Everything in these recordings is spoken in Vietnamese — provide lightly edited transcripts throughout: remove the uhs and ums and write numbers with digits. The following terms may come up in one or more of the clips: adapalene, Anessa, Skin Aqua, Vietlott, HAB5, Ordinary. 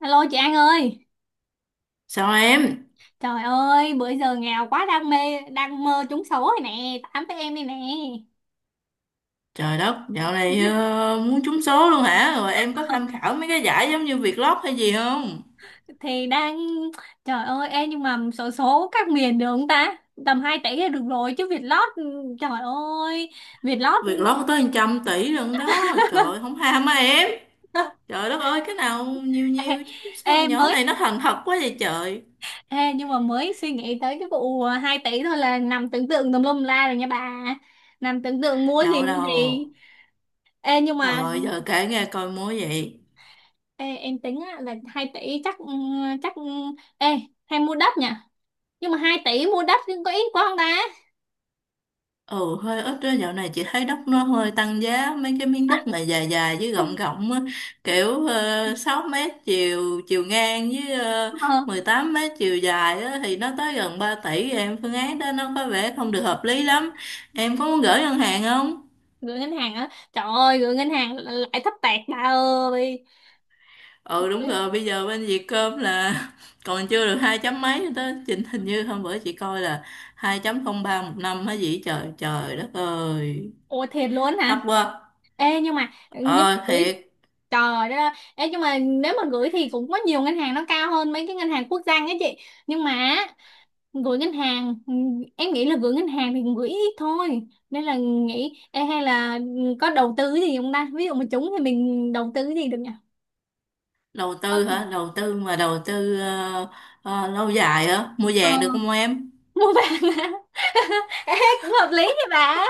Alo chị An ơi. Sao em? Trời ơi, bữa giờ nghèo quá, đang mê đang mơ trúng số rồi nè, tám với em đây nè. Trời đất, dạo này muốn trúng số luôn hả? Rồi em có Ờ, tham khảo mấy cái giải giống như Vietlott hay gì không? thì đang Trời ơi em, nhưng mà số số các miền được không ta, tầm 2 tỷ là được rồi chứ Vietlott, trời ơi Vietlott. Vietlott có tới 100 tỷ lận đó. Trời ơi, không ham á em. Trời đất ơi, cái nào nhiều Ê, nhiều chứ sao em nhỏ mới này nó thành thật quá vậy trời. Nhưng mà mới suy nghĩ tới cái vụ 2 tỷ thôi là nằm tưởng tượng tùm lum la rồi nha bà, nằm tưởng tượng mua gì Đâu mua đâu. gì. Ê nhưng mà Rồi giờ kể nghe coi múa vậy. Ê, em tính á, là 2 tỷ chắc ừ, ê hay mua đất nhỉ, nhưng mà 2 tỷ mua đất nhưng có ít quá không ta. Ừ, hơi ít đó, dạo này chị thấy đất nó hơi tăng giá, mấy cái miếng đất mà dài dài với rộng rộng á, kiểu 6 mét chiều chiều ngang với ờ, 18 mét chiều dài á, thì nó tới gần 3 tỷ rồi em, phương án đó nó có vẻ không được hợp lý lắm. Em có muốn gửi ngân hàng không? Gửi ngân hàng á, trời ơi gửi ngân hàng lại thấp tẹt bà ơi. Ừ đúng rồi, bây giờ bên Vietcom là còn chưa được hai chấm mấy nữa đó, trình hình như hôm bữa chị coi là hai chấm không ba một năm hả gì, trời trời đất ơi, Ôi thiệt luôn thấp hả? quá. Ê nhưng mà nhưng Ờ thiệt. gửi Trời đó, nhưng mà nếu mà gửi thì cũng có nhiều ngân hàng nó cao hơn mấy cái ngân hàng quốc doanh á chị, nhưng mà gửi ngân hàng, em nghĩ là gửi ngân hàng thì gửi ít thôi, nên là nghĩ hay là có đầu tư cái gì không ta, ví dụ mà trúng thì mình đầu tư cái gì được nhỉ. Đầu tư Vâng. hả? Đầu tư mà, đầu tư lâu dài hả? Mua Ờ, vàng được không em? mua vàng á. ê, Cũng hợp lý thì bà.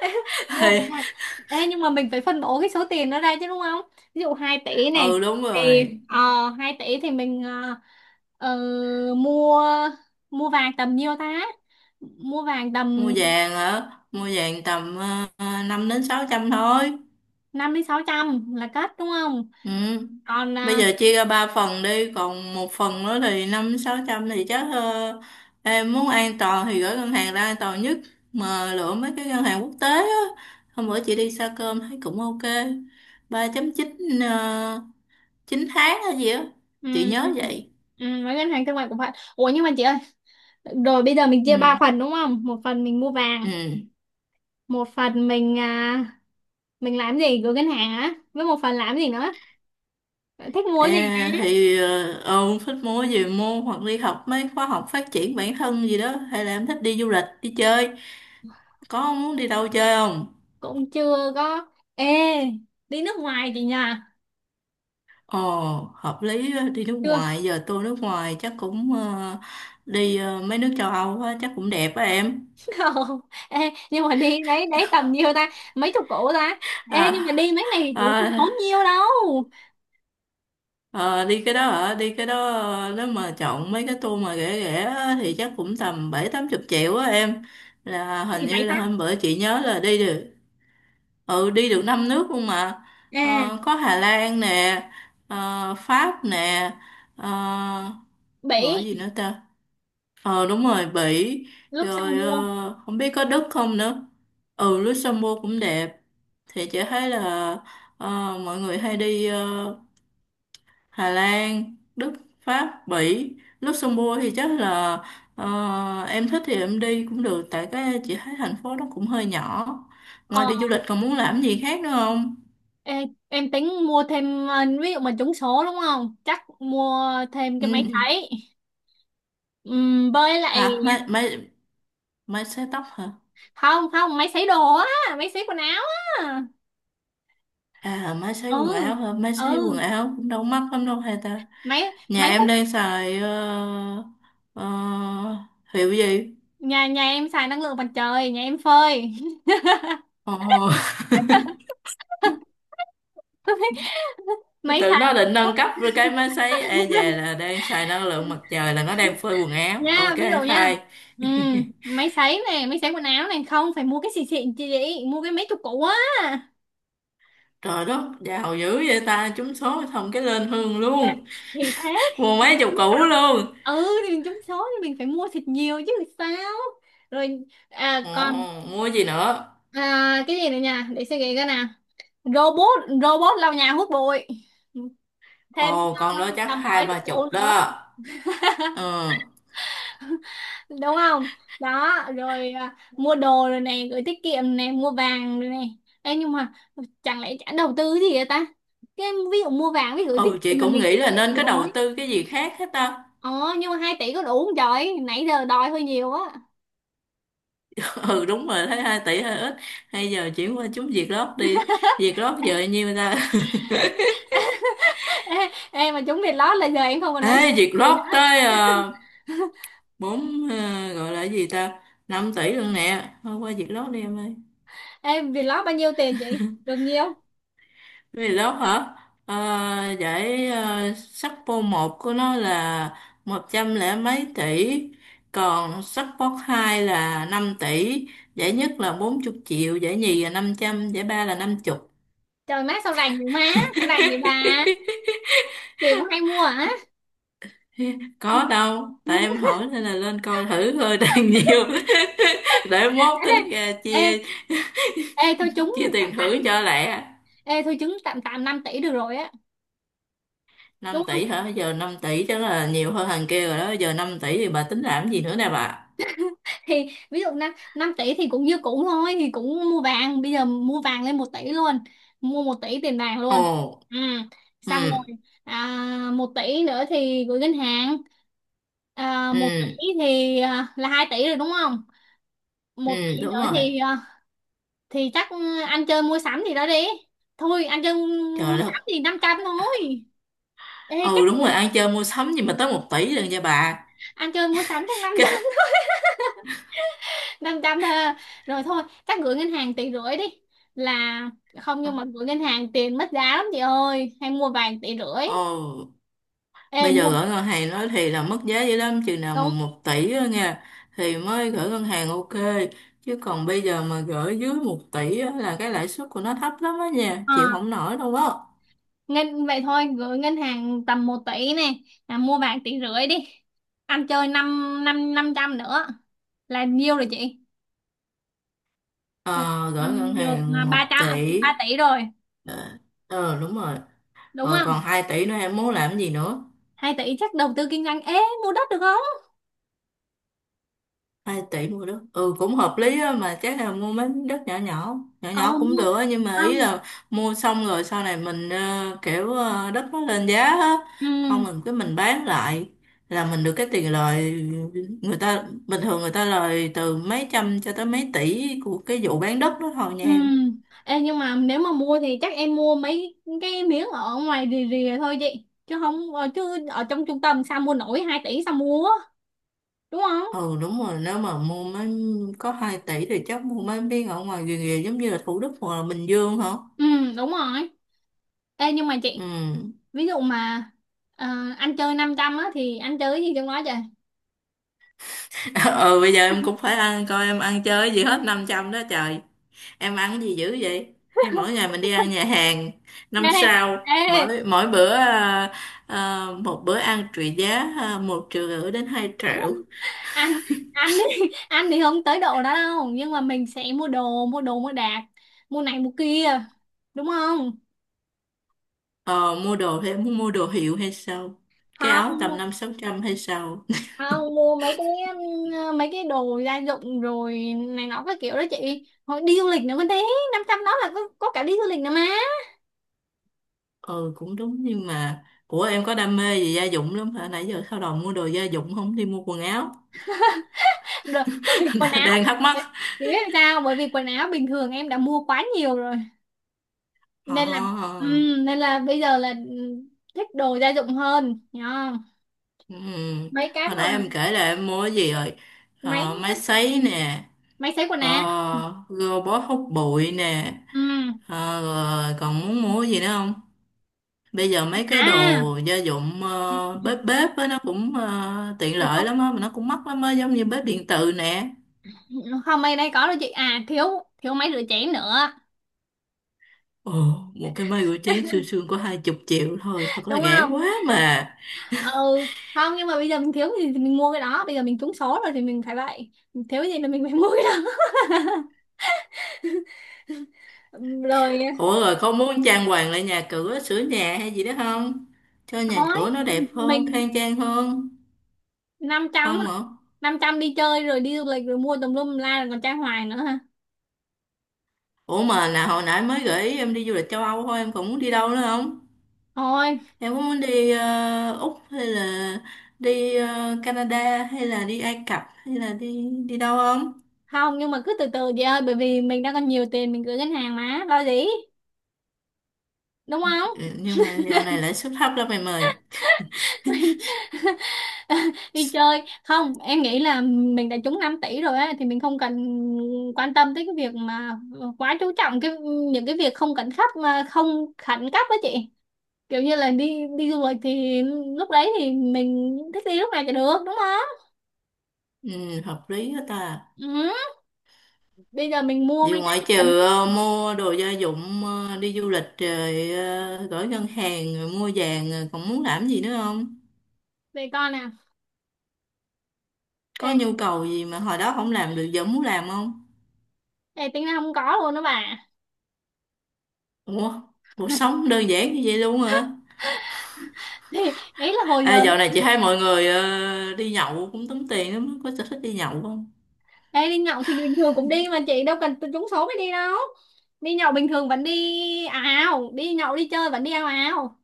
Mua vàng. Nhưng mà mình phải phân bổ cái số tiền đó ra chứ, đúng không? Ví dụ 2 tỷ này Ừ đúng thì rồi, 2 tỷ thì mình ờ, mua mua vàng tầm nhiêu ta, mua vàng mua tầm. vàng hả? Mua vàng tầm 5 đến 600 thôi. 500 đến 600 là cất, đúng không? Ừ. Còn Bây à, giờ chia ra ba phần đi, còn một phần nữa thì 5 đến sáu trăm, thì chắc em muốn an toàn thì gửi ngân hàng ra, an toàn nhất. Mà lựa mấy cái ngân hàng quốc tế á, hôm bữa chị đi xa cơm thấy cũng ok. 3,9 uh, 9 tháng hay gì á, ừ, chị nhớ ừ, vậy. ừ, với ngân hàng thương mại của bạn. Ủa, nhưng mà chị ơi, rồi bây giờ mình chia ba Ừ. phần đúng không, một phần mình mua vàng, Ừ. một phần mình à, mình làm gì, gửi ngân hàng á, với một phần làm gì nữa, thích mua cái gì À, ta? thì ông thích mua gì mua, hoặc đi học mấy khóa học phát triển bản thân gì đó, hay là em thích đi du lịch đi chơi? Có muốn đi đâu chơi không? Cũng chưa có. Ê, đi nước ngoài chị nhà. Ồ, hợp lý á, đi nước Chưa. ngoài giờ, tôi nước ngoài chắc cũng đi mấy nước châu Âu á, chắc cũng đẹp á em. Không. Ê, nhưng mà đi đấy đấy tầm nhiêu ta, mấy chục củ ta? Ê, à, nhưng mà đi mấy này cũng không à, tốn nhiêu đâu. ờ, Đi cái đó hả? Đi cái đó nếu mà chọn mấy cái tour mà rẻ rẻ á, thì chắc cũng tầm bảy tám chục triệu á em. Là Thì hình như đại ta. là hôm bữa chị nhớ là đi được, ừ, đi được năm nước luôn mà. Ê, Ờ, có Hà Lan nè, Pháp nè, ờ, rồi Bỉ. gì nữa ta, ờ đúng rồi, Bỉ, Lúc rồi xong mua. Không biết có Đức không nữa. Ừ, Luxembourg cũng đẹp. Thì chị thấy là ờ, mọi người hay đi Hà Lan, Đức, Pháp, Bỉ, Luxembourg, thì chắc là em thích thì em đi cũng được, tại cái chị thấy thành phố nó cũng hơi nhỏ. Ngoài Ờ. đi du lịch còn muốn làm gì khác nữa không? Ê, em tính mua thêm ví dụ mà trúng số đúng không, chắc mua thêm cái máy Ừ. sấy. Với lại. Hả? Máy máy máy sấy tóc hả? Không không, máy sấy đồ á, máy sấy quần áo á. À, máy sấy Ừ, quần áo hả? Máy sấy quần ừ, áo cũng đâu mắc lắm đâu hay ta. máy Nhà máy em hút. đang xài ờ, hiệu gì? Nhà nhà em xài năng lượng mặt trời, nhà em phơi. Ồ. Máy Tự nó sấy. định nâng cấp rồi, cái máy sấy e về là đang xài năng lượng mặt trời, là nó đang phơi quần áo. Ok Nha, ví dụ nha. fine. Ừ, máy sấy quần áo này không phải mua cái xịn xịn, chị mua cái mấy chục củ á. Trời đất, giàu dữ vậy ta, trúng số xong cái lên hương luôn. Thì thế. Mua thì mấy mình chục cứ củ luôn. Thì mình trúng số thì mình phải mua thịt nhiều chứ sao. Rồi à, còn Ồ, mua gì nữa? à, cái gì nữa nha, để suy nghĩ cái nào. Robot robot lau nhà hút bụi thêm. Ồ, con đó chắc Tầm hai mấy chục ba bộ chục nữa, đó. Ừ. đúng không? Đó rồi à, mua đồ rồi này, gửi tiết kiệm này, mua vàng rồi này. Ê, nhưng mà chẳng lẽ chẳng đầu tư gì vậy ta? Cái ví dụ mua vàng với gửi tiết Ừ, chị kiệm là cũng mình tiết nghĩ là kiệm nên có đầu rồi. tư cái gì khác hết ta. ờ nhưng mà hai tỷ có đủ không trời, nãy giờ đòi hơi nhiều á. Ừ, đúng rồi, thấy 2 tỷ hơi ít. Hay giờ chuyển qua chúng Việt Lót đi. Việt Lót giờ bao nhiêu ta? Ê, ê mà trúng Việt lót là giờ em không còn nói Ê, chuyện Việt gì Lót nữa. tới uh, 4, gọi là cái gì ta? Năm tỷ luôn nè. Thôi qua Việt Lót đi em ơi. Ê, Việt lót bao nhiêu tiền chị, được nhiêu? Vì lớp hả? Ờ, giải sắc vô một của nó là một trăm lẻ mấy tỷ, còn sắc vô hai là 5 tỷ, giải nhất là bốn chục triệu, giải nhì là năm trăm, giải ba là năm chục. Trời má sao rành vậy má. Sao rành vậy bà, chị cũng hay mua hả? Có đâu, tại em hỏi nên là lên coi thử thôi, đang nhiều. Để ê, mốt đây, tính ra ê, chia ê thôi trúng chia tạm tiền thưởng tạm cho lẹ. Ê, thôi trúng tạm tạm 5 tỷ được rồi á. Năm Đúng, tỷ hả? Giờ năm tỷ chắc là nhiều hơn thằng kia rồi đó, giờ 5 tỷ thì bà tính làm gì nữa nè bà? thì ví dụ năm 5 tỷ thì cũng như cũ thôi, thì cũng mua vàng, bây giờ mua vàng lên 1 tỷ luôn, mua 1 tỷ tiền vàng luôn. Ồ. Ừ. Ừ. Xong rồi, à, 1 tỷ nữa thì gửi ngân hàng, à, Ừ. 1 tỷ thì à, là 2 tỷ rồi đúng không? Một Ừ tỷ đúng nữa rồi. thì à, thì chắc ăn chơi mua sắm gì đó đi. Thôi, ăn chơi mua Trời đất. sắm thì 500 thôi. Ê, chắc Ừ đúng rồi, gửi ăn chơi mua sắm gì mà tới một tỷ lần nha bà. Ăn chơi mua sắm chắc năm trăm Cái- 500 thôi à. Rồi thôi chắc gửi ngân hàng 1,5 tỷ đi. Là, không, nhưng mà gửi ngân hàng tiền mất giá lắm chị ơi, hay mua vàng 1,5 tỷ. Ồ, Ê bây giờ mua gửi ngân hàng nói thì là mất giá dữ lắm, chừng nào mà Đúng. một tỷ á nha, thì mới gửi ngân hàng ok. Chứ còn bây giờ mà gửi dưới một tỷ á, là cái lãi suất của nó thấp lắm á nha, chịu À, không nổi đâu á. ngân Vậy thôi, gửi ngân hàng tầm 1 tỷ này là mua vàng tỷ rưỡi đi, ăn chơi năm năm 500 nữa là nhiêu rồi chị. Là Ờ Gửi ngân năm được là hàng một tỷ. 3 tỷ rồi ờ Đúng rồi. đúng Rồi không? còn 2 tỷ nữa em muốn làm gì nữa? Hai tỷ chắc đầu tư kinh doanh ế, mua đất được không? Hai tỷ mua đất, ừ cũng hợp lý á, mà chắc là mua mấy miếng đất nhỏ nhỏ, nhỏ Ờ nhỏ cũng mua được á. Nhưng mà ý Không. là mua xong rồi sau này mình kiểu đất nó lên giá á, không Ừ. mình cái mình bán lại, là mình được cái tiền lời. Người ta bình thường người ta lời từ mấy trăm cho tới mấy tỷ của cái vụ bán đất đó thôi nha Ừ. em. Ê, nhưng mà nếu mà mua thì chắc em mua mấy cái miếng ở ngoài rìa rìa thôi chị, chứ không ờ, chứ ở trong trung tâm sao mua nổi 2 tỷ, sao mua? Đúng không? Ừ đúng rồi, nếu mà mua mấy, có 2 tỷ thì chắc mua mấy miếng ở ngoài rìa rìa, giống như là Thủ Đức hoặc là Bình Dương hả? Ừ, đúng rồi. Ê, nhưng mà chị, Ừ. ví dụ mà ờ, anh chơi 500 á thì anh chơi cái gì trong đó chị? ờ Bây giờ em cũng phải ăn, coi em ăn chơi cái gì hết 500 đó trời. Em ăn cái gì dữ vậy, hay mỗi ngày mình đi ăn nhà hàng năm sao, ê, ê, mỗi mỗi bữa một bữa ăn trị giá một triệu rưỡi đến hai triệu. anh anh đi. Anh thì không tới độ đó đâu, nhưng mà mình sẽ mua đồ mua đạc, mua này mua kia đúng không? Ờ, Mua đồ thì em muốn mua đồ hiệu hay sao, cái áo tầm Không. năm sáu trăm hay sao? À, mua mấy cái đồ gia dụng rồi này nọ các kiểu đó chị, hồi đi du lịch nữa còn thế. Năm trăm đó là có cả đi du lịch nữa mà. Ừ cũng đúng, nhưng mà của em có đam mê gì gia dụng lắm hả, nãy giờ sao đầu mua đồ gia dụng không đi mua quần áo. Rồi bởi vì quần áo Đang thắc mắc. Đấy, chị biết làm sao, bởi vì quần áo bình thường em đã mua quá nhiều rồi, ờ nên là nên là bây giờ là thích đồ gia dụng hơn hiểu. Ừ. Mấy cái Hồi mà nãy em kể là em mua cái gì rồi? máy Ờ, máy sấy nè, máy sấy quần áo. robot hút bụi nè. Ừm. Ờ, rồi còn muốn mua cái gì nữa không? Bây giờ mấy cái À, đồ gia dụng bếp bếp á, nó cũng tiện lợi không lắm á, mà nó cũng mắc lắm á, giống như bếp điện từ nè. không, mấy đây có đâu chị, à thiếu thiếu máy rửa chén nữa, Ồ, một cái máy rửa chén xương xương có hai chục triệu thôi, thật là đúng rẻ không? quá mà. Ừ, không, nhưng mà bây giờ mình thiếu cái gì thì mình mua cái đó, bây giờ mình trúng số rồi thì mình phải vậy, mình thiếu cái gì là mình phải mua cái đó. Rồi, Ủa rồi không muốn trang hoàng lại nhà cửa, sửa nhà hay gì đó không, cho nhà thôi cửa nó đẹp hơn, mình khang trang hơn? 500, Không hả? năm trăm đi chơi rồi đi du lịch rồi mua tùm lum la rồi còn trai hoài nữa ha. Ủa mà là hồi nãy mới gửi em đi du lịch châu Âu thôi, em còn muốn đi đâu nữa không? Thôi, Em có muốn đi Úc, hay là đi Canada, hay là đi Ai Cập, hay là đi đi đâu không? không, nhưng mà cứ từ từ chị ơi, bởi vì mình đang còn nhiều tiền mình gửi ngân hàng mà lo gì, đúng không? Ừ, nhưng mà dạo này lãi suất thấp lắm em ơi. Mình đi chơi. Không, em nghĩ là mình đã trúng 5 tỷ rồi á thì mình không cần quan tâm tới cái việc mà quá chú trọng cái những cái việc không khẩn cấp mà không khẩn cấp á chị, kiểu như là đi đi du lịch thì lúc đấy thì mình thích đi lúc nào thì được đúng không? Ừ, hợp lý hết ta. Ừ. Bây giờ mình mua Vì mấy cái ngoại mình trừ cần. Mua đồ gia dụng, đi du lịch rồi, gửi ngân hàng rồi, mua vàng rồi, còn muốn làm gì nữa không? Để coi nè. Có Ê, nhu cầu gì mà hồi đó không làm được giờ muốn làm không? ê, Tính ra không có luôn đó bà. Ủa, cuộc sống đơn giản như vậy luôn hả? Thì đấy là hồi À, giờ. dạo này chị thấy mọi người đi nhậu cũng tốn tiền lắm, có sở thích đi nhậu không? Ê, đi nhậu thì bình thường cũng đi mà, chị đâu cần trúng số mới đi đâu, đi nhậu bình thường vẫn đi ào ào, đi nhậu đi chơi vẫn đi ào ào.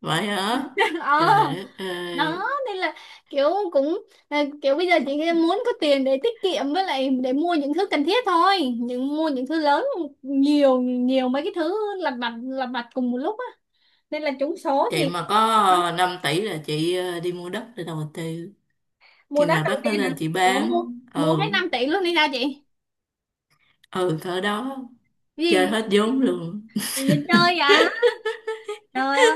Vậy hả? Ờ. Trời đất Đó ơi, nên là kiểu, cũng là kiểu bây giờ chị muốn có tiền để tiết kiệm với lại để mua những thứ cần thiết thôi, những mua những thứ lớn, nhiều nhiều mấy cái thứ lặt vặt cùng một lúc á, nên là trúng số chị thì mà có 5 tỷ là chị đi mua đất để đầu tư. mua Khi đất nào đầu đất nó tiên à. lên chị Ủa, mua bán, mua hết ừ, 5 tỷ luôn đi sao chị? ừ cỡ đó, Cái chơi gì? hết vốn luôn. Gì chơi à? Trời ơi.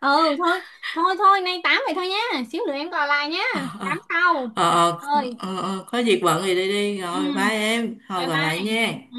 Ừ thôi, thôi thôi, nay tám vậy thôi nhá, xíu nữa em gọi lại Ờ, nhá, ờ, tám sau, ờ, trời ờ, ơi. ờ, ờ, có việc bận thì đi đi, Ừ, rồi bye em, thôi bye gọi bye. lại nha. Ừ.